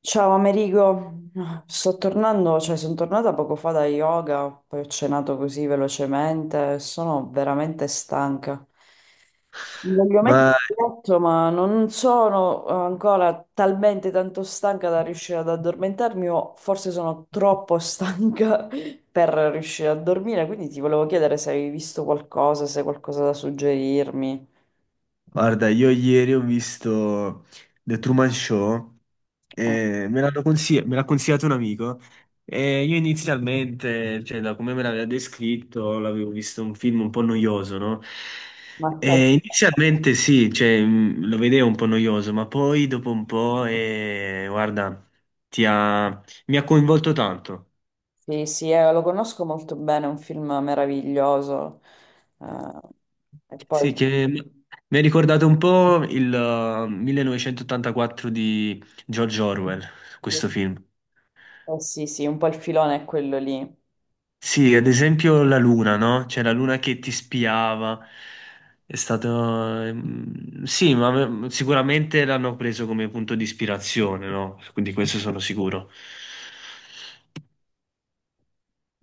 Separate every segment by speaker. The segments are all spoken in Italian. Speaker 1: Ciao Amerigo, sto tornando, cioè sono tornata poco fa da yoga, poi ho cenato così velocemente, sono veramente stanca. Mi voglio mettere
Speaker 2: Ma
Speaker 1: in letto, ma non sono ancora talmente tanto stanca da riuscire ad addormentarmi o forse sono troppo stanca per riuscire a dormire, quindi ti volevo chiedere se avevi visto qualcosa, se hai qualcosa da suggerirmi.
Speaker 2: guarda, io ieri ho visto The Truman Show e me l'ha consigliato un amico. E io inizialmente, cioè da come me l'aveva descritto, l'avevo visto un film un po' noioso, no?
Speaker 1: Ma stai.
Speaker 2: E inizialmente sì, cioè, lo vedevo un po' noioso, ma poi dopo un po', guarda, ti ha- mi ha coinvolto tanto.
Speaker 1: Sì, sì, lo conosco molto bene, è un film meraviglioso. Eh, e poi,
Speaker 2: Sì, che mi ha ricordato un po' il 1984 di George Orwell, questo film.
Speaker 1: sì, sì, un po' il filone è quello lì.
Speaker 2: Sì, ad esempio la luna, no? Cioè la luna che ti spiava. Sì, sicuramente l'hanno preso come punto di ispirazione, no? Quindi questo sono sicuro.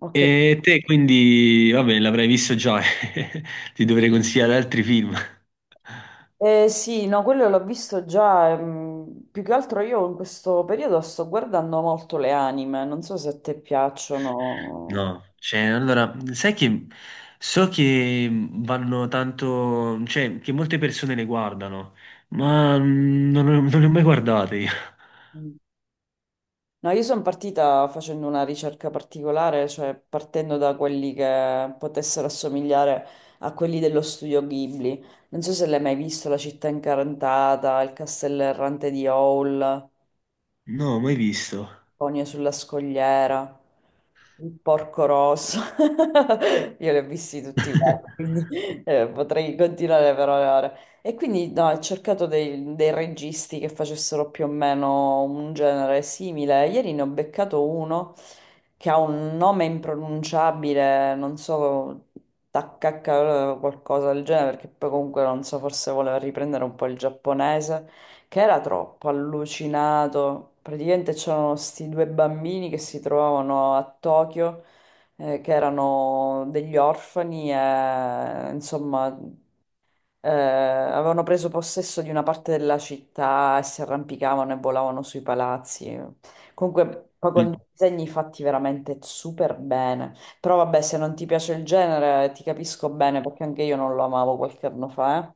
Speaker 1: Ho capito.
Speaker 2: E te quindi, vabbè, l'avrai visto già, ti dovrei consigliare altri film.
Speaker 1: Sì, no, quello l'ho visto già. Più che altro io in questo periodo sto guardando molto le anime, non so se a te piacciono.
Speaker 2: No, cioè, allora, sai che so che vanno tanto, cioè, che molte persone le guardano, ma non le ho mai guardate io.
Speaker 1: No, io sono partita facendo una ricerca particolare, cioè partendo da quelli che potessero assomigliare a quelli dello studio Ghibli. Non so se l'hai mai visto, La città incartata, Il castello errante di Howl.
Speaker 2: No, mai visto.
Speaker 1: Conio sulla scogliera, il porco rosso. Io li ho visti tutti quanti, quindi potrei continuare per ore. E ore. E quindi no, ho cercato dei registi che facessero più o meno un genere simile. Ieri ne ho beccato uno che ha un nome impronunciabile, non so, Takaka qualcosa del genere, perché poi comunque non so, forse voleva riprendere un po' il giapponese che era troppo allucinato. Praticamente c'erano sti due bambini che si trovavano a Tokyo, che erano degli orfani e insomma avevano preso possesso di una parte della città e si arrampicavano e volavano sui palazzi. Comunque, poi con dei disegni fatti veramente super bene. Però vabbè, se non ti piace il genere, ti capisco bene perché anche io non lo amavo qualche anno fa, eh.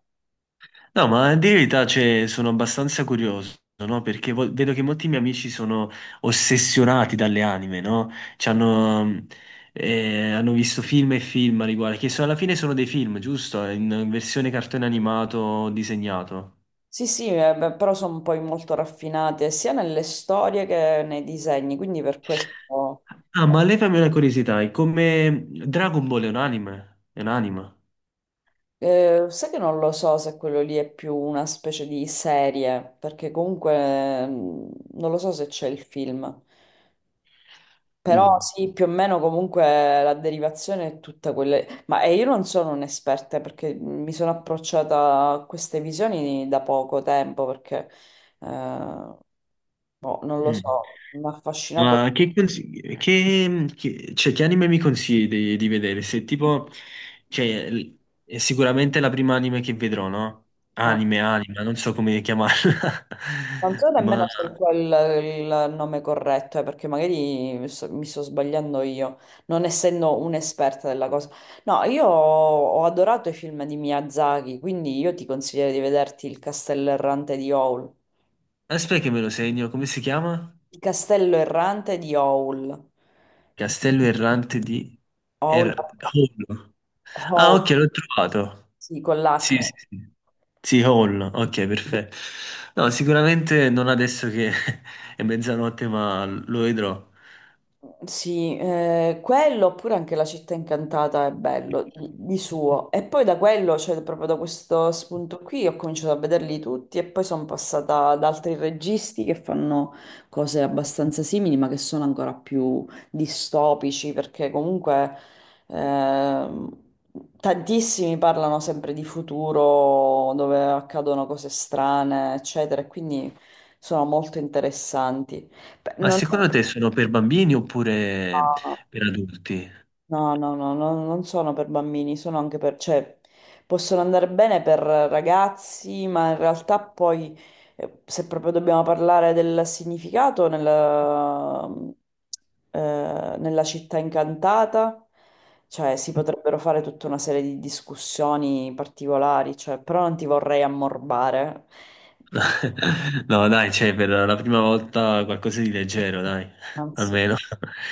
Speaker 2: No, ma a dire la verità, cioè, sono abbastanza curioso, no? Perché vedo che molti miei amici sono ossessionati dalle anime, no? Ci hanno, hanno visto film e film a riguardo, che alla fine sono dei film, giusto? In versione cartone animato o disegnato.
Speaker 1: Sì, sì, beh, però sono poi molto raffinate sia nelle storie che nei disegni, quindi per questo
Speaker 2: Ah, ma levami una curiosità, è come Dragon Ball è un anime? È un anime?
Speaker 1: sai che non lo so se quello lì è più una specie di serie, perché comunque non lo so se c'è il film. Però
Speaker 2: Mm.
Speaker 1: sì, più o meno comunque la derivazione è tutta quella. Ma io non sono un'esperta perché mi sono approcciata a queste visioni da poco tempo, perché eh, boh, non lo
Speaker 2: Mm.
Speaker 1: so, mi ha affascinato.
Speaker 2: Ma che, consigli- che- cioè, che anime mi consigli di vedere? Se tipo, cioè, l- è sicuramente la prima anime che vedrò, no?
Speaker 1: Ah.
Speaker 2: Anime, anima, non so come chiamarla.
Speaker 1: Non so
Speaker 2: Ma
Speaker 1: nemmeno se è quel il nome corretto, perché magari mi sto sbagliando io, non essendo un'esperta della cosa. No, io ho adorato i film di Miyazaki, quindi io ti consiglio di vederti Il Castello Errante di Howl.
Speaker 2: aspetta che me lo segno, come si chiama?
Speaker 1: Il Castello Errante di Howl.
Speaker 2: Castello errante di
Speaker 1: Howl,
Speaker 2: Hollow. Ah,
Speaker 1: Howl,
Speaker 2: ok, l'ho trovato.
Speaker 1: sì, con l'H.
Speaker 2: Sì, sì, sì. Sì, Hall, ok, perfetto. No, sicuramente non adesso che è mezzanotte, ma lo vedrò.
Speaker 1: Sì, quello oppure anche La città incantata è bello di suo. E poi da quello, cioè proprio da questo spunto qui, ho cominciato a vederli tutti e poi sono passata ad altri registi che fanno cose abbastanza simili, ma che sono ancora più distopici, perché comunque ehm, tantissimi parlano sempre di futuro, dove accadono cose strane, eccetera, e quindi sono molto interessanti. Beh,
Speaker 2: Ma
Speaker 1: non.
Speaker 2: secondo te sono per bambini oppure per adulti?
Speaker 1: No, no, no, no, non sono per bambini, sono anche per, cioè, possono andare bene per ragazzi, ma in realtà poi, se proprio dobbiamo parlare del significato, nella, nella città incantata, cioè, si potrebbero fare tutta una serie di discussioni particolari, cioè, però non ti vorrei ammorbare.
Speaker 2: No, dai, cioè, per la prima volta qualcosa di leggero, dai,
Speaker 1: Anzi,
Speaker 2: almeno.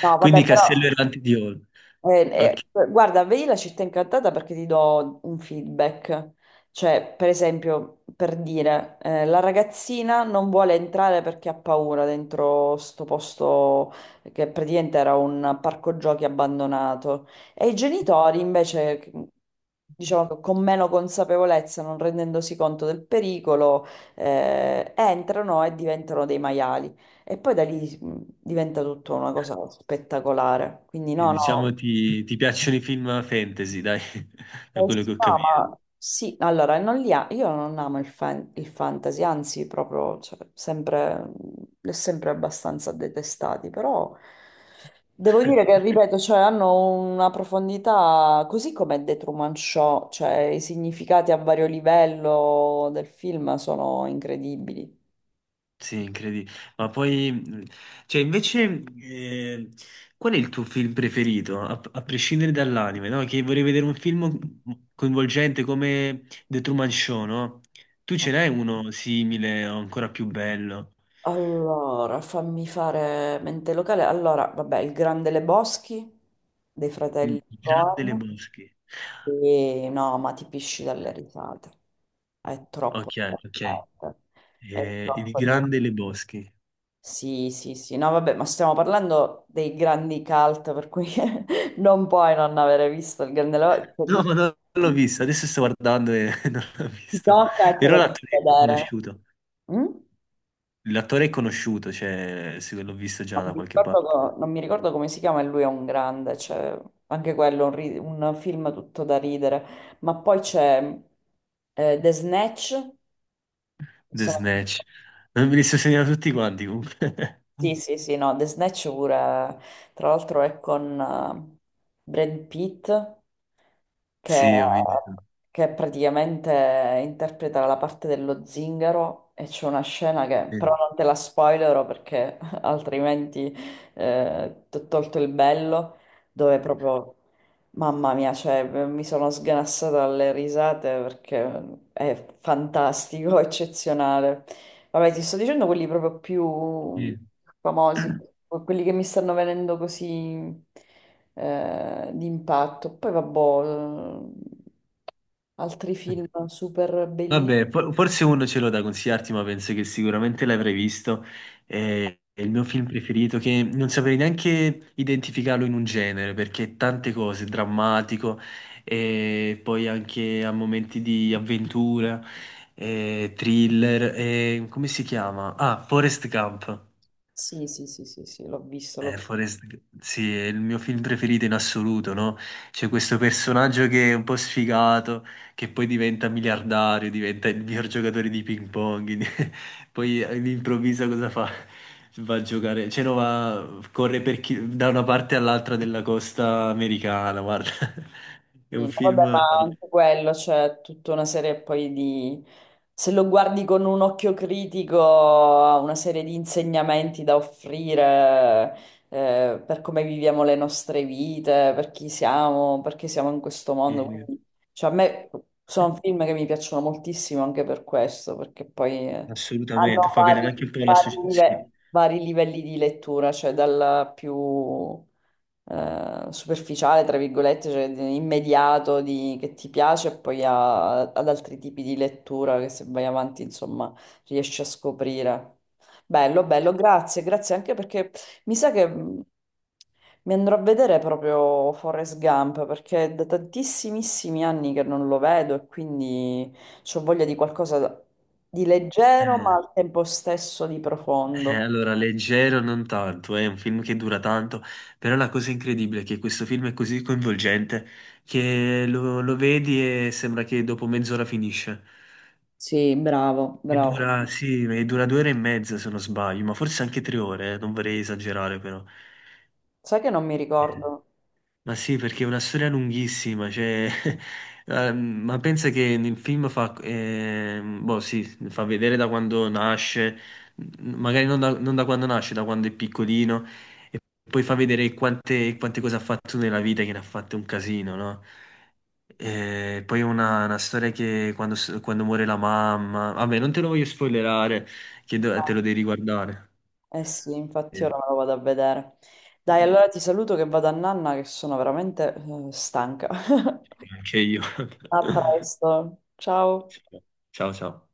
Speaker 1: no,
Speaker 2: Quindi
Speaker 1: vabbè, però.
Speaker 2: Castello Errante di Hall.
Speaker 1: Eh,
Speaker 2: Ok,
Speaker 1: Guarda, vedi la città incantata perché ti do un feedback. Cioè, per esempio, per dire, la ragazzina non vuole entrare perché ha paura dentro sto posto che praticamente era un parco giochi abbandonato. E i genitori invece, diciamo, che con meno consapevolezza, non rendendosi conto del pericolo, entrano e diventano dei maiali. E poi da lì diventa tutto una cosa spettacolare. Quindi no, no.
Speaker 2: diciamo ti piacciono i film fantasy, dai, da
Speaker 1: Come
Speaker 2: quello
Speaker 1: si
Speaker 2: che ho capito.
Speaker 1: chiama? Sì, allora, non li ha- io non amo il fantasy, anzi, proprio, cioè, sempre, l'ho sempre abbastanza detestati, però devo dire che, ripeto, cioè, hanno una profondità, così come The Truman Show, cioè, i significati a vario livello del film sono incredibili.
Speaker 2: Sì, incredibile. Ma poi, cioè, invece, qual è il tuo film preferito? A prescindere dall'anime, no? Che vorrei vedere un film coinvolgente come The Truman Show, no? Tu ce n'hai uno simile o ancora più bello?
Speaker 1: Allora, fammi fare mente locale. Allora, vabbè, il Grande Lebowski dei
Speaker 2: Il
Speaker 1: fratelli
Speaker 2: Grande
Speaker 1: Coen.
Speaker 2: Lebowski.
Speaker 1: Sì, no, ma ti pisci dalle risate. È troppo
Speaker 2: Ok, ok.
Speaker 1: divertente. È
Speaker 2: Il
Speaker 1: troppo divertente.
Speaker 2: Grande Lebowski.
Speaker 1: Sì, sì, sì. No, vabbè, ma stiamo parlando dei grandi cult, per cui non puoi non avere visto il Grande Leva. Cioè,
Speaker 2: No,
Speaker 1: ti,
Speaker 2: no, non l'ho visto. Adesso sto guardando e non l'ho
Speaker 1: ti
Speaker 2: visto.
Speaker 1: tocca e te
Speaker 2: Però
Speaker 1: lo devi
Speaker 2: l'attore è
Speaker 1: vedere.
Speaker 2: conosciuto.
Speaker 1: Mm?
Speaker 2: L'attore è conosciuto, cioè, sì, l'ho visto già
Speaker 1: Non
Speaker 2: da
Speaker 1: mi
Speaker 2: qualche
Speaker 1: ricordo,
Speaker 2: parte.
Speaker 1: non mi ricordo come si chiama, e lui è un grande, cioè, anche quello, un film tutto da ridere. Ma poi c'è The Snatch, che
Speaker 2: The
Speaker 1: sono.
Speaker 2: Snatch. Non me li sto segnando tutti quanti comunque.
Speaker 1: Sì, sì, sì, no, The Snatch pure, tra l'altro è con Brad Pitt che,
Speaker 2: Sì, ho visto.
Speaker 1: che praticamente interpreta la parte dello zingaro e c'è una scena che però
Speaker 2: Sì.
Speaker 1: non te la spoilerò perché altrimenti ti ho tolto il bello, dove proprio, mamma mia, cioè, mi sono sganassata dalle risate perché è fantastico, eccezionale. Vabbè, ti sto dicendo quelli proprio più
Speaker 2: Sì.
Speaker 1: famosi, quelli che mi stanno venendo così di impatto. Poi vabbè, altri film super bellissimi.
Speaker 2: Vabbè, forse uno ce l'ho da consigliarti, ma penso che sicuramente l'avrai visto. È il mio film preferito, che non saprei neanche identificarlo in un genere, perché è tante cose, è drammatico, e poi anche a momenti di avventura, e thriller, e come si chiama? Ah, Forest Gump.
Speaker 1: Sì, sì, sì, sì, sì, l'ho visto, l'ho
Speaker 2: Sì, è il mio film preferito in assoluto, no? C'è questo personaggio che è un po' sfigato, che poi diventa miliardario, diventa il miglior giocatore di ping pong. Poi all'improvviso cosa fa? Va a giocare, cioè no, va, corre da una parte all'altra della costa americana, guarda. È un
Speaker 1: visto.
Speaker 2: film
Speaker 1: Vabbè, ma anche quello, c'è tutta una serie poi di se lo guardi con un occhio critico, ha una serie di insegnamenti da offrire, per come viviamo le nostre vite, per chi siamo, perché siamo in questo mondo.
Speaker 2: che
Speaker 1: Quindi, cioè, a me sono film che mi piacciono moltissimo anche per questo, perché poi
Speaker 2: assolutamente
Speaker 1: hanno
Speaker 2: fa vedere
Speaker 1: vari,
Speaker 2: anche un po' la
Speaker 1: vari live- vari livelli di lettura, cioè dal più superficiale, tra virgolette, cioè immediato che ti piace, e poi ad altri tipi di lettura che se vai avanti, insomma, riesci a scoprire. Bello, bello, grazie, grazie anche perché mi sa che mi andrò a vedere proprio Forrest Gump perché è da tantissimissimi anni che non lo vedo e quindi ho voglia di qualcosa di leggero ma
Speaker 2: società.
Speaker 1: al tempo stesso di profondo.
Speaker 2: Allora, leggero non tanto, è un film che dura tanto, però la cosa incredibile è che questo film è così coinvolgente che lo vedi e sembra che dopo mezz'ora finisce.
Speaker 1: Sì, bravo,
Speaker 2: E
Speaker 1: bravo.
Speaker 2: dura, sì, e dura 2 ore e mezza se non sbaglio, ma forse anche 3 ore, non vorrei esagerare però.
Speaker 1: Sai che non mi
Speaker 2: Eh.
Speaker 1: ricordo?
Speaker 2: Ma sì, perché è una storia lunghissima, cioè, ma pensa che nel film fa, boh, sì, fa vedere da quando nasce, m- magari non da, non da quando nasce, da quando è piccolino, e poi fa vedere quante cose ha fatto nella vita, che ne ha fatte un casino, no? E poi è una storia che quando muore la mamma, vabbè, non te lo voglio spoilerare, che te lo devi riguardare.
Speaker 1: Eh sì, infatti
Speaker 2: Eh,
Speaker 1: ora me lo vado a vedere. Dai, allora ti saluto che vado a nanna che sono veramente stanca.
Speaker 2: Anche io.
Speaker 1: A presto. Ciao.
Speaker 2: Ciao, ciao.